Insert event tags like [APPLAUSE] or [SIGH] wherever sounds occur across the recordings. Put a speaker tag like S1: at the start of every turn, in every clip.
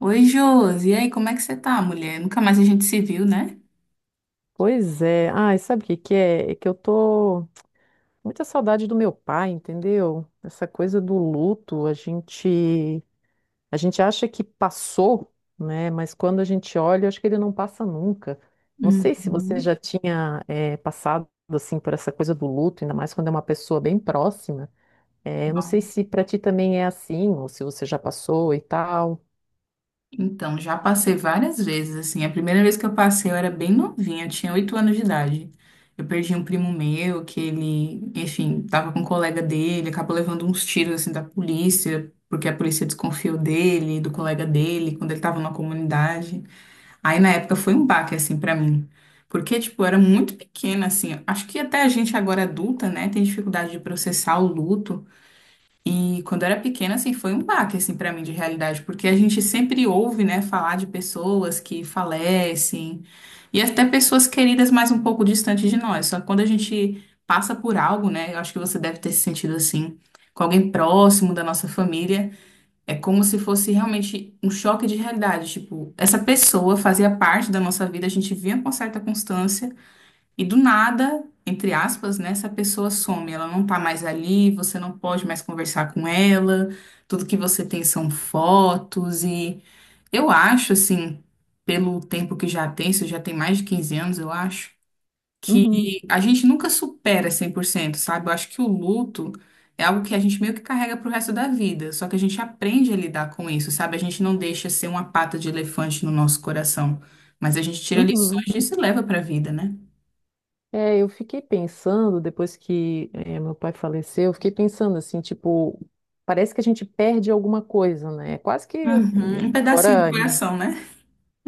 S1: Oi, Josi. E aí, como é que você tá, mulher? Nunca mais a gente se viu, né?
S2: Pois é. Ai, sabe o que que é? É que eu tô com muita saudade do meu pai, entendeu? Essa coisa do luto, a gente acha que passou, né? Mas quando a gente olha, eu acho que ele não passa nunca. Não sei se você
S1: Uhum.
S2: já tinha passado assim por essa coisa do luto, ainda mais quando é uma pessoa bem próxima. Eu não sei
S1: Bom,
S2: se pra ti também é assim, ou se você já passou e tal.
S1: então, já passei várias vezes, assim. A primeira vez que eu passei, eu era bem novinha, eu tinha 8 anos de idade. Eu perdi um primo meu, que ele, enfim, tava com um colega dele, acabou levando uns tiros, assim, da polícia, porque a polícia desconfiou dele, do colega dele, quando ele tava na comunidade. Aí na época foi um baque assim pra mim, porque tipo, eu era muito pequena assim. Acho que até a gente agora adulta, né, tem dificuldade de processar o luto. E quando eu era pequena assim, foi um baque assim para mim de realidade, porque a gente sempre ouve, né, falar de pessoas que falecem e até pessoas queridas mais um pouco distante de nós. Só que quando a gente passa por algo, né, eu acho que você deve ter se sentido assim, com alguém próximo da nossa família. É como se fosse realmente um choque de realidade. Tipo, essa pessoa fazia parte da nossa vida, a gente via com certa constância, e do nada, entre aspas, né, essa pessoa some. Ela não tá mais ali, você não pode mais conversar com ela, tudo que você tem são fotos. E eu acho, assim, pelo tempo que já tem, isso já tem mais de 15 anos, eu acho
S2: Uhum,
S1: que a gente nunca supera 100%, sabe? Eu acho que o luto é algo que a gente meio que carrega pro resto da vida, só que a gente aprende a lidar com isso, sabe? A gente não deixa ser uma pata de elefante no nosso coração, mas a gente tira lições
S2: uhum.
S1: disso e leva pra vida, né?
S2: É, eu fiquei pensando, depois que meu pai faleceu, eu fiquei pensando assim, tipo, parece que a gente perde alguma coisa, né? É quase que
S1: Uhum, um pedacinho do
S2: agora.
S1: coração, né?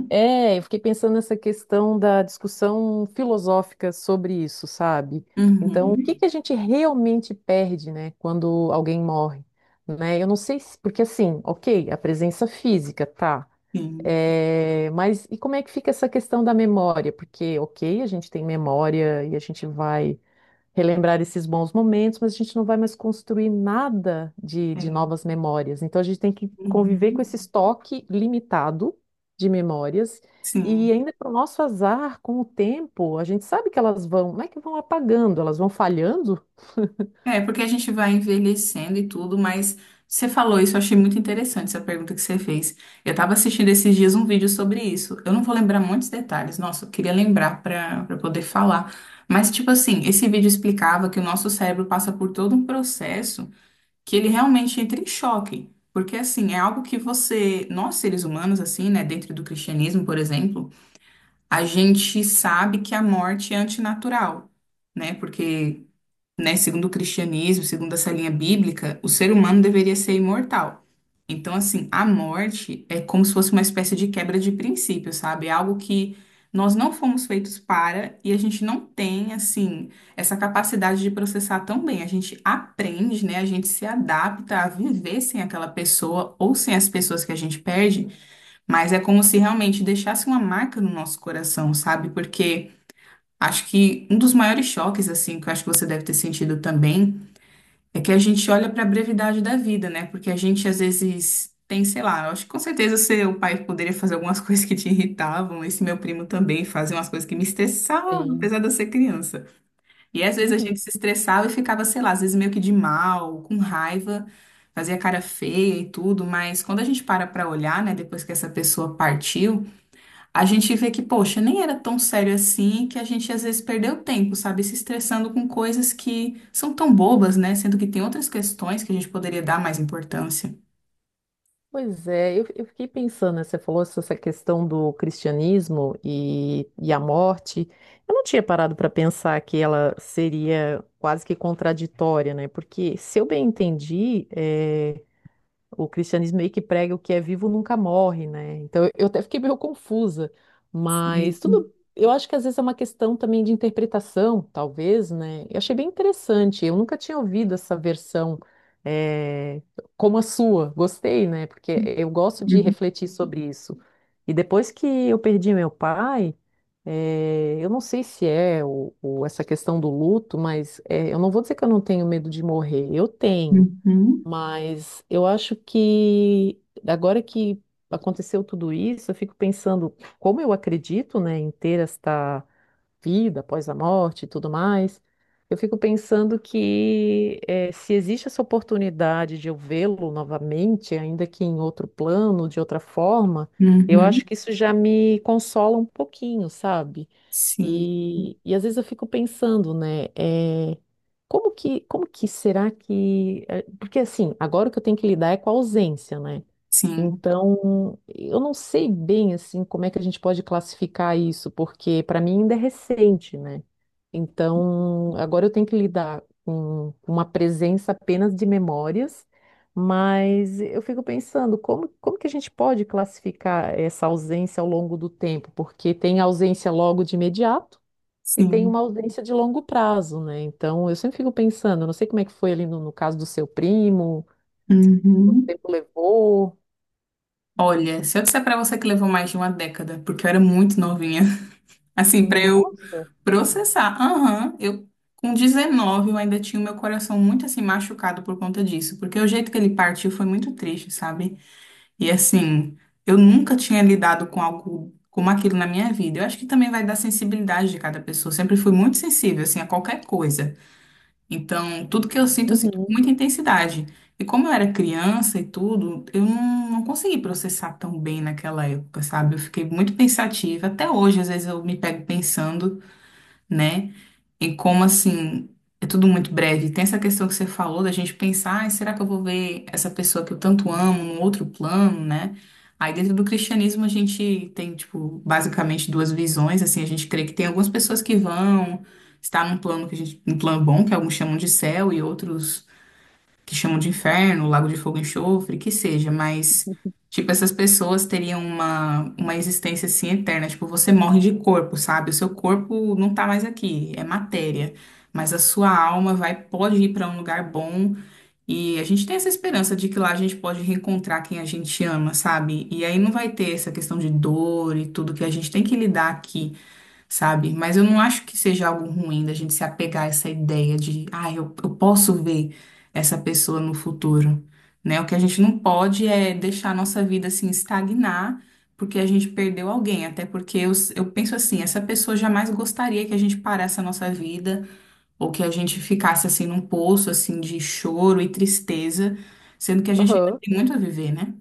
S2: É, eu fiquei pensando nessa questão da discussão filosófica sobre isso, sabe? Então, o que
S1: Uhum,
S2: que a gente realmente perde, né, quando alguém morre, né? Eu não sei se, porque assim, ok, a presença física, tá.
S1: sim.
S2: É, mas e como é que fica essa questão da memória? Porque, ok, a gente tem memória e a gente vai relembrar esses bons momentos, mas a gente não vai mais construir nada de
S1: É.
S2: novas memórias. Então a gente tem que conviver com
S1: Uhum,
S2: esse estoque limitado de memórias.
S1: sim.
S2: E ainda para o nosso azar, com o tempo, a gente sabe que elas vão, não é que vão apagando, elas vão falhando.
S1: É, porque a gente vai envelhecendo e tudo, mas você falou isso, eu achei muito interessante essa pergunta que você fez. Eu tava assistindo esses dias um vídeo sobre isso. Eu não vou lembrar muitos detalhes, nossa, eu queria lembrar para poder falar. Mas, tipo assim, esse vídeo explicava que o nosso cérebro passa por todo um processo que ele realmente entra em choque. Porque, assim, é algo que você, nós seres humanos, assim, né, dentro do cristianismo, por exemplo, a gente sabe que a morte é antinatural, né? Porque, né? Segundo o cristianismo, segundo essa linha bíblica, o ser humano deveria ser imortal. Então, assim, a morte é como se fosse uma espécie de quebra de princípio, sabe? É algo que nós não fomos feitos para e a gente não tem, assim, essa capacidade de processar tão bem. A gente aprende, né? A gente se adapta a viver sem aquela pessoa ou sem as pessoas que a gente perde, mas é como se realmente deixasse uma marca no nosso coração, sabe? Porque. Acho que um dos maiores choques, assim, que eu acho que você deve ter sentido também, é que a gente olha para a brevidade da vida, né? Porque a gente às vezes tem, sei lá, eu acho que com certeza seu pai poderia fazer algumas [LAUGHS] coisas que te irritavam, esse meu primo também fazia umas coisas que me estressavam,
S2: Sim.
S1: apesar de eu ser criança. E às vezes a gente
S2: Uhum.
S1: se estressava e ficava, sei lá, às vezes meio que de mal, com raiva, fazia cara feia e tudo, mas quando a gente para para olhar, né, depois que essa pessoa partiu, a gente vê que, poxa, nem era tão sério assim, que a gente às vezes perdeu tempo, sabe? Se estressando com coisas que são tão bobas, né? Sendo que tem outras questões que a gente poderia dar mais importância.
S2: Pois é, eu fiquei pensando, né, você falou sobre essa questão do cristianismo e a morte. Eu não tinha parado para pensar que ela seria quase que contraditória, né? Porque, se eu bem entendi, o cristianismo meio que prega o que é vivo nunca morre, né? Então eu até fiquei meio confusa, mas tudo.
S1: Sim.
S2: Eu acho que às vezes é uma questão também de interpretação, talvez, né? Eu achei bem interessante. Eu nunca tinha ouvido essa versão eh, como a sua. Gostei, né? Porque eu gosto de
S1: Uhum,
S2: refletir sobre isso. E depois que eu perdi meu pai, eu não sei se é essa questão do luto, mas eu não vou dizer que eu não tenho medo de morrer. Eu tenho.
S1: uhum,
S2: Mas eu acho que agora que aconteceu tudo isso, eu fico pensando como eu acredito, né, em ter esta vida após a morte e tudo mais, eu fico pensando que se existe essa oportunidade de eu vê-lo novamente, ainda que em outro plano, de outra forma, eu
S1: uhum.
S2: acho que isso já me consola um pouquinho, sabe?
S1: Sim,
S2: E às vezes eu fico pensando, né? Como que, como que será que. Porque assim, agora o que eu tenho que lidar é com a ausência, né?
S1: sim,
S2: Então, eu não sei bem assim como é que a gente pode classificar isso, porque para mim ainda é recente, né? Então, agora eu tenho que lidar com uma presença apenas de memórias, mas eu fico pensando como, como que a gente pode classificar essa ausência ao longo do tempo, porque tem ausência logo de imediato e tem
S1: sim.
S2: uma ausência de longo prazo, né? Então, eu sempre fico pensando, eu não sei como é que foi ali no caso do seu primo, quanto
S1: Uhum.
S2: tempo levou.
S1: Olha, se eu disser pra você que levou mais de uma década, porque eu era muito novinha. Assim, para eu
S2: Nossa.
S1: processar. Aham, eu com 19 eu ainda tinha o meu coração muito assim machucado por conta disso, porque o jeito que ele partiu foi muito triste, sabe? E assim, eu nunca tinha lidado com algo como aquilo na minha vida. Eu acho que também vai da sensibilidade de cada pessoa. Eu sempre fui muito sensível assim a qualquer coisa. Então, tudo que eu sinto
S2: Uhum.
S1: com muita intensidade. E como eu era criança e tudo, eu não, não consegui processar tão bem naquela época, sabe? Eu fiquei muito pensativa. Até hoje, às vezes, eu me pego pensando, né? E como assim, é tudo muito breve. Tem essa questão que você falou da gente pensar, "Ai, será que eu vou ver essa pessoa que eu tanto amo num outro plano, né? Aí dentro do cristianismo a gente tem, tipo, basicamente duas visões, assim, a gente crê que tem algumas pessoas que vão estar num plano que a gente, um plano bom, que alguns chamam de céu e outros que chamam de inferno, lago de fogo e enxofre, que seja, mas, tipo, essas pessoas teriam uma existência assim eterna. Tipo, você morre de corpo, sabe? O seu corpo não tá mais aqui, é matéria. Mas a sua alma vai, pode ir para um lugar bom. E a gente tem essa esperança de que lá a gente pode reencontrar quem a gente ama, sabe? E aí não vai ter essa questão de dor e tudo que a gente tem que lidar aqui, sabe? Mas eu não acho que seja algo ruim da gente se apegar a essa ideia de, ah, eu posso ver essa pessoa no futuro, né? O que a gente não pode é deixar a nossa vida assim estagnar porque a gente perdeu alguém, até porque eu penso assim, essa pessoa jamais gostaria que a gente parasse a nossa vida ou que a gente ficasse assim num poço assim de choro e tristeza, sendo que a gente ainda
S2: Aham.
S1: tem muito a viver, né?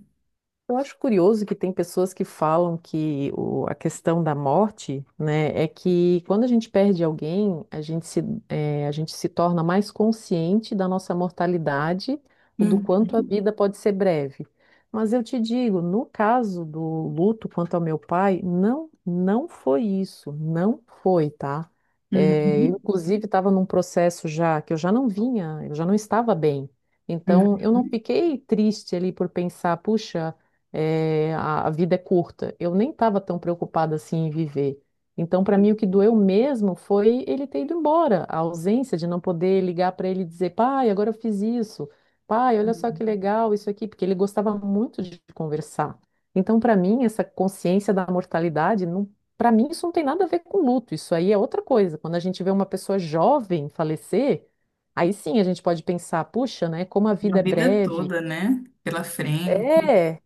S2: Eu acho curioso que tem pessoas que falam que o- a questão da morte, né, é que quando a gente perde alguém, a gente se, a gente se torna mais consciente da nossa mortalidade, o do
S1: Uhum,
S2: quanto a vida pode ser breve. Mas eu te digo, no caso do luto quanto ao meu pai, não, não foi isso, não foi, tá?
S1: uhum,
S2: Inclusive, estava num processo já que eu já não vinha, eu já não estava bem. Então, eu não
S1: uhum.
S2: fiquei triste ali por pensar, puxa é, a vida é curta. Eu nem estava tão preocupada assim em viver. Então, para mim, o que doeu mesmo foi ele ter ido embora, a ausência de não poder ligar para ele e dizer, pai, agora eu fiz isso, pai, olha só que legal isso aqui, porque ele gostava muito de conversar. Então, para mim, essa consciência da mortalidade, não, para mim, isso não tem nada a ver com luto, isso aí é outra coisa. Quando a gente vê uma pessoa jovem falecer, aí sim a gente pode pensar, puxa, né, como a
S1: A
S2: vida é
S1: vida
S2: breve.
S1: toda, né? Pela frente.
S2: É,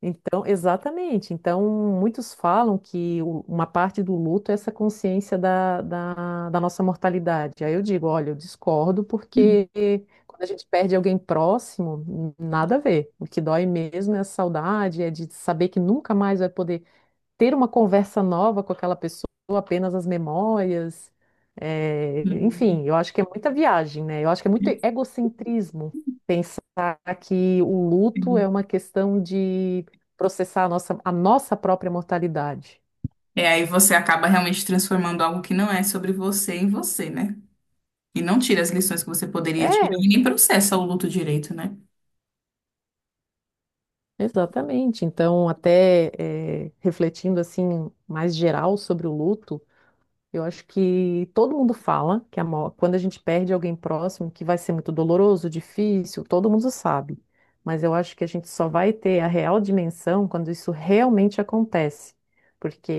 S2: então, exatamente. Então, muitos falam que o- uma parte do luto é essa consciência da nossa mortalidade. Aí eu digo, olha, eu discordo
S1: Uhum.
S2: porque quando a gente perde alguém próximo, nada a ver. O que dói mesmo é a saudade, é de saber que nunca mais vai poder ter uma conversa nova com aquela pessoa, apenas as memórias. É, enfim, eu acho que é muita viagem, né? Eu acho que é muito egocentrismo pensar que o luto é uma questão de processar a a nossa própria mortalidade.
S1: É, aí você acaba realmente transformando algo que não é sobre você em você, né? E não tira as lições que você poderia tirar
S2: É,
S1: e nem processa o luto direito, né?
S2: exatamente. Então, até é, refletindo assim mais geral sobre o luto, eu acho que todo mundo fala que a mor- quando a gente perde alguém próximo, que vai ser muito doloroso, difícil, todo mundo sabe. Mas eu acho que a gente só vai ter a real dimensão quando isso realmente acontece. Porque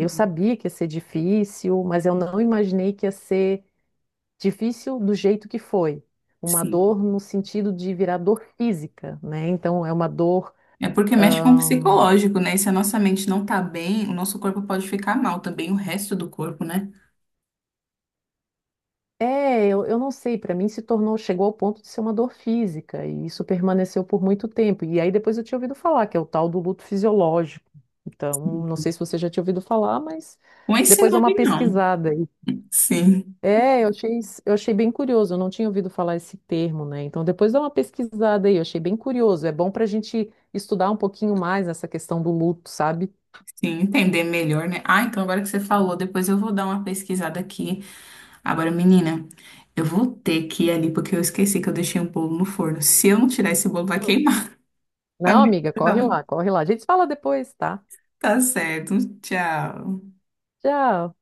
S2: eu
S1: Uhum.
S2: sabia que ia ser difícil, mas eu não imaginei que ia ser difícil do jeito que foi. Uma
S1: Sim.
S2: dor no sentido de virar dor física, né? Então é uma dor.
S1: É porque mexe com o psicológico, né? E se a nossa mente não tá bem, o nosso corpo pode ficar mal também, o resto do corpo, né?
S2: É, eu não sei, para mim se tornou, chegou ao ponto de ser uma dor física, e isso permaneceu por muito tempo. E aí depois eu tinha ouvido falar, que é o tal do luto fisiológico. Então, não sei se você já tinha ouvido falar, mas
S1: Com esse
S2: depois dá uma
S1: nome, não.
S2: pesquisada aí.
S1: Sim.
S2: É, eu achei, eu achei bem curioso, eu não tinha ouvido falar esse termo, né? Então, depois dá uma pesquisada aí, eu achei bem curioso. É bom para a gente estudar um pouquinho mais essa questão do luto, sabe?
S1: Sim, entender melhor, né? Ah, então agora que você falou, depois eu vou dar uma pesquisada aqui. Agora, menina, eu vou ter que ir ali porque eu esqueci que eu deixei um bolo no forno. Se eu não tirar esse bolo, vai queimar. Tá,
S2: Não,
S1: bom,
S2: amiga, corre
S1: então.
S2: lá, corre lá. A gente se fala depois, tá?
S1: Tá certo. Tchau.
S2: Tchau.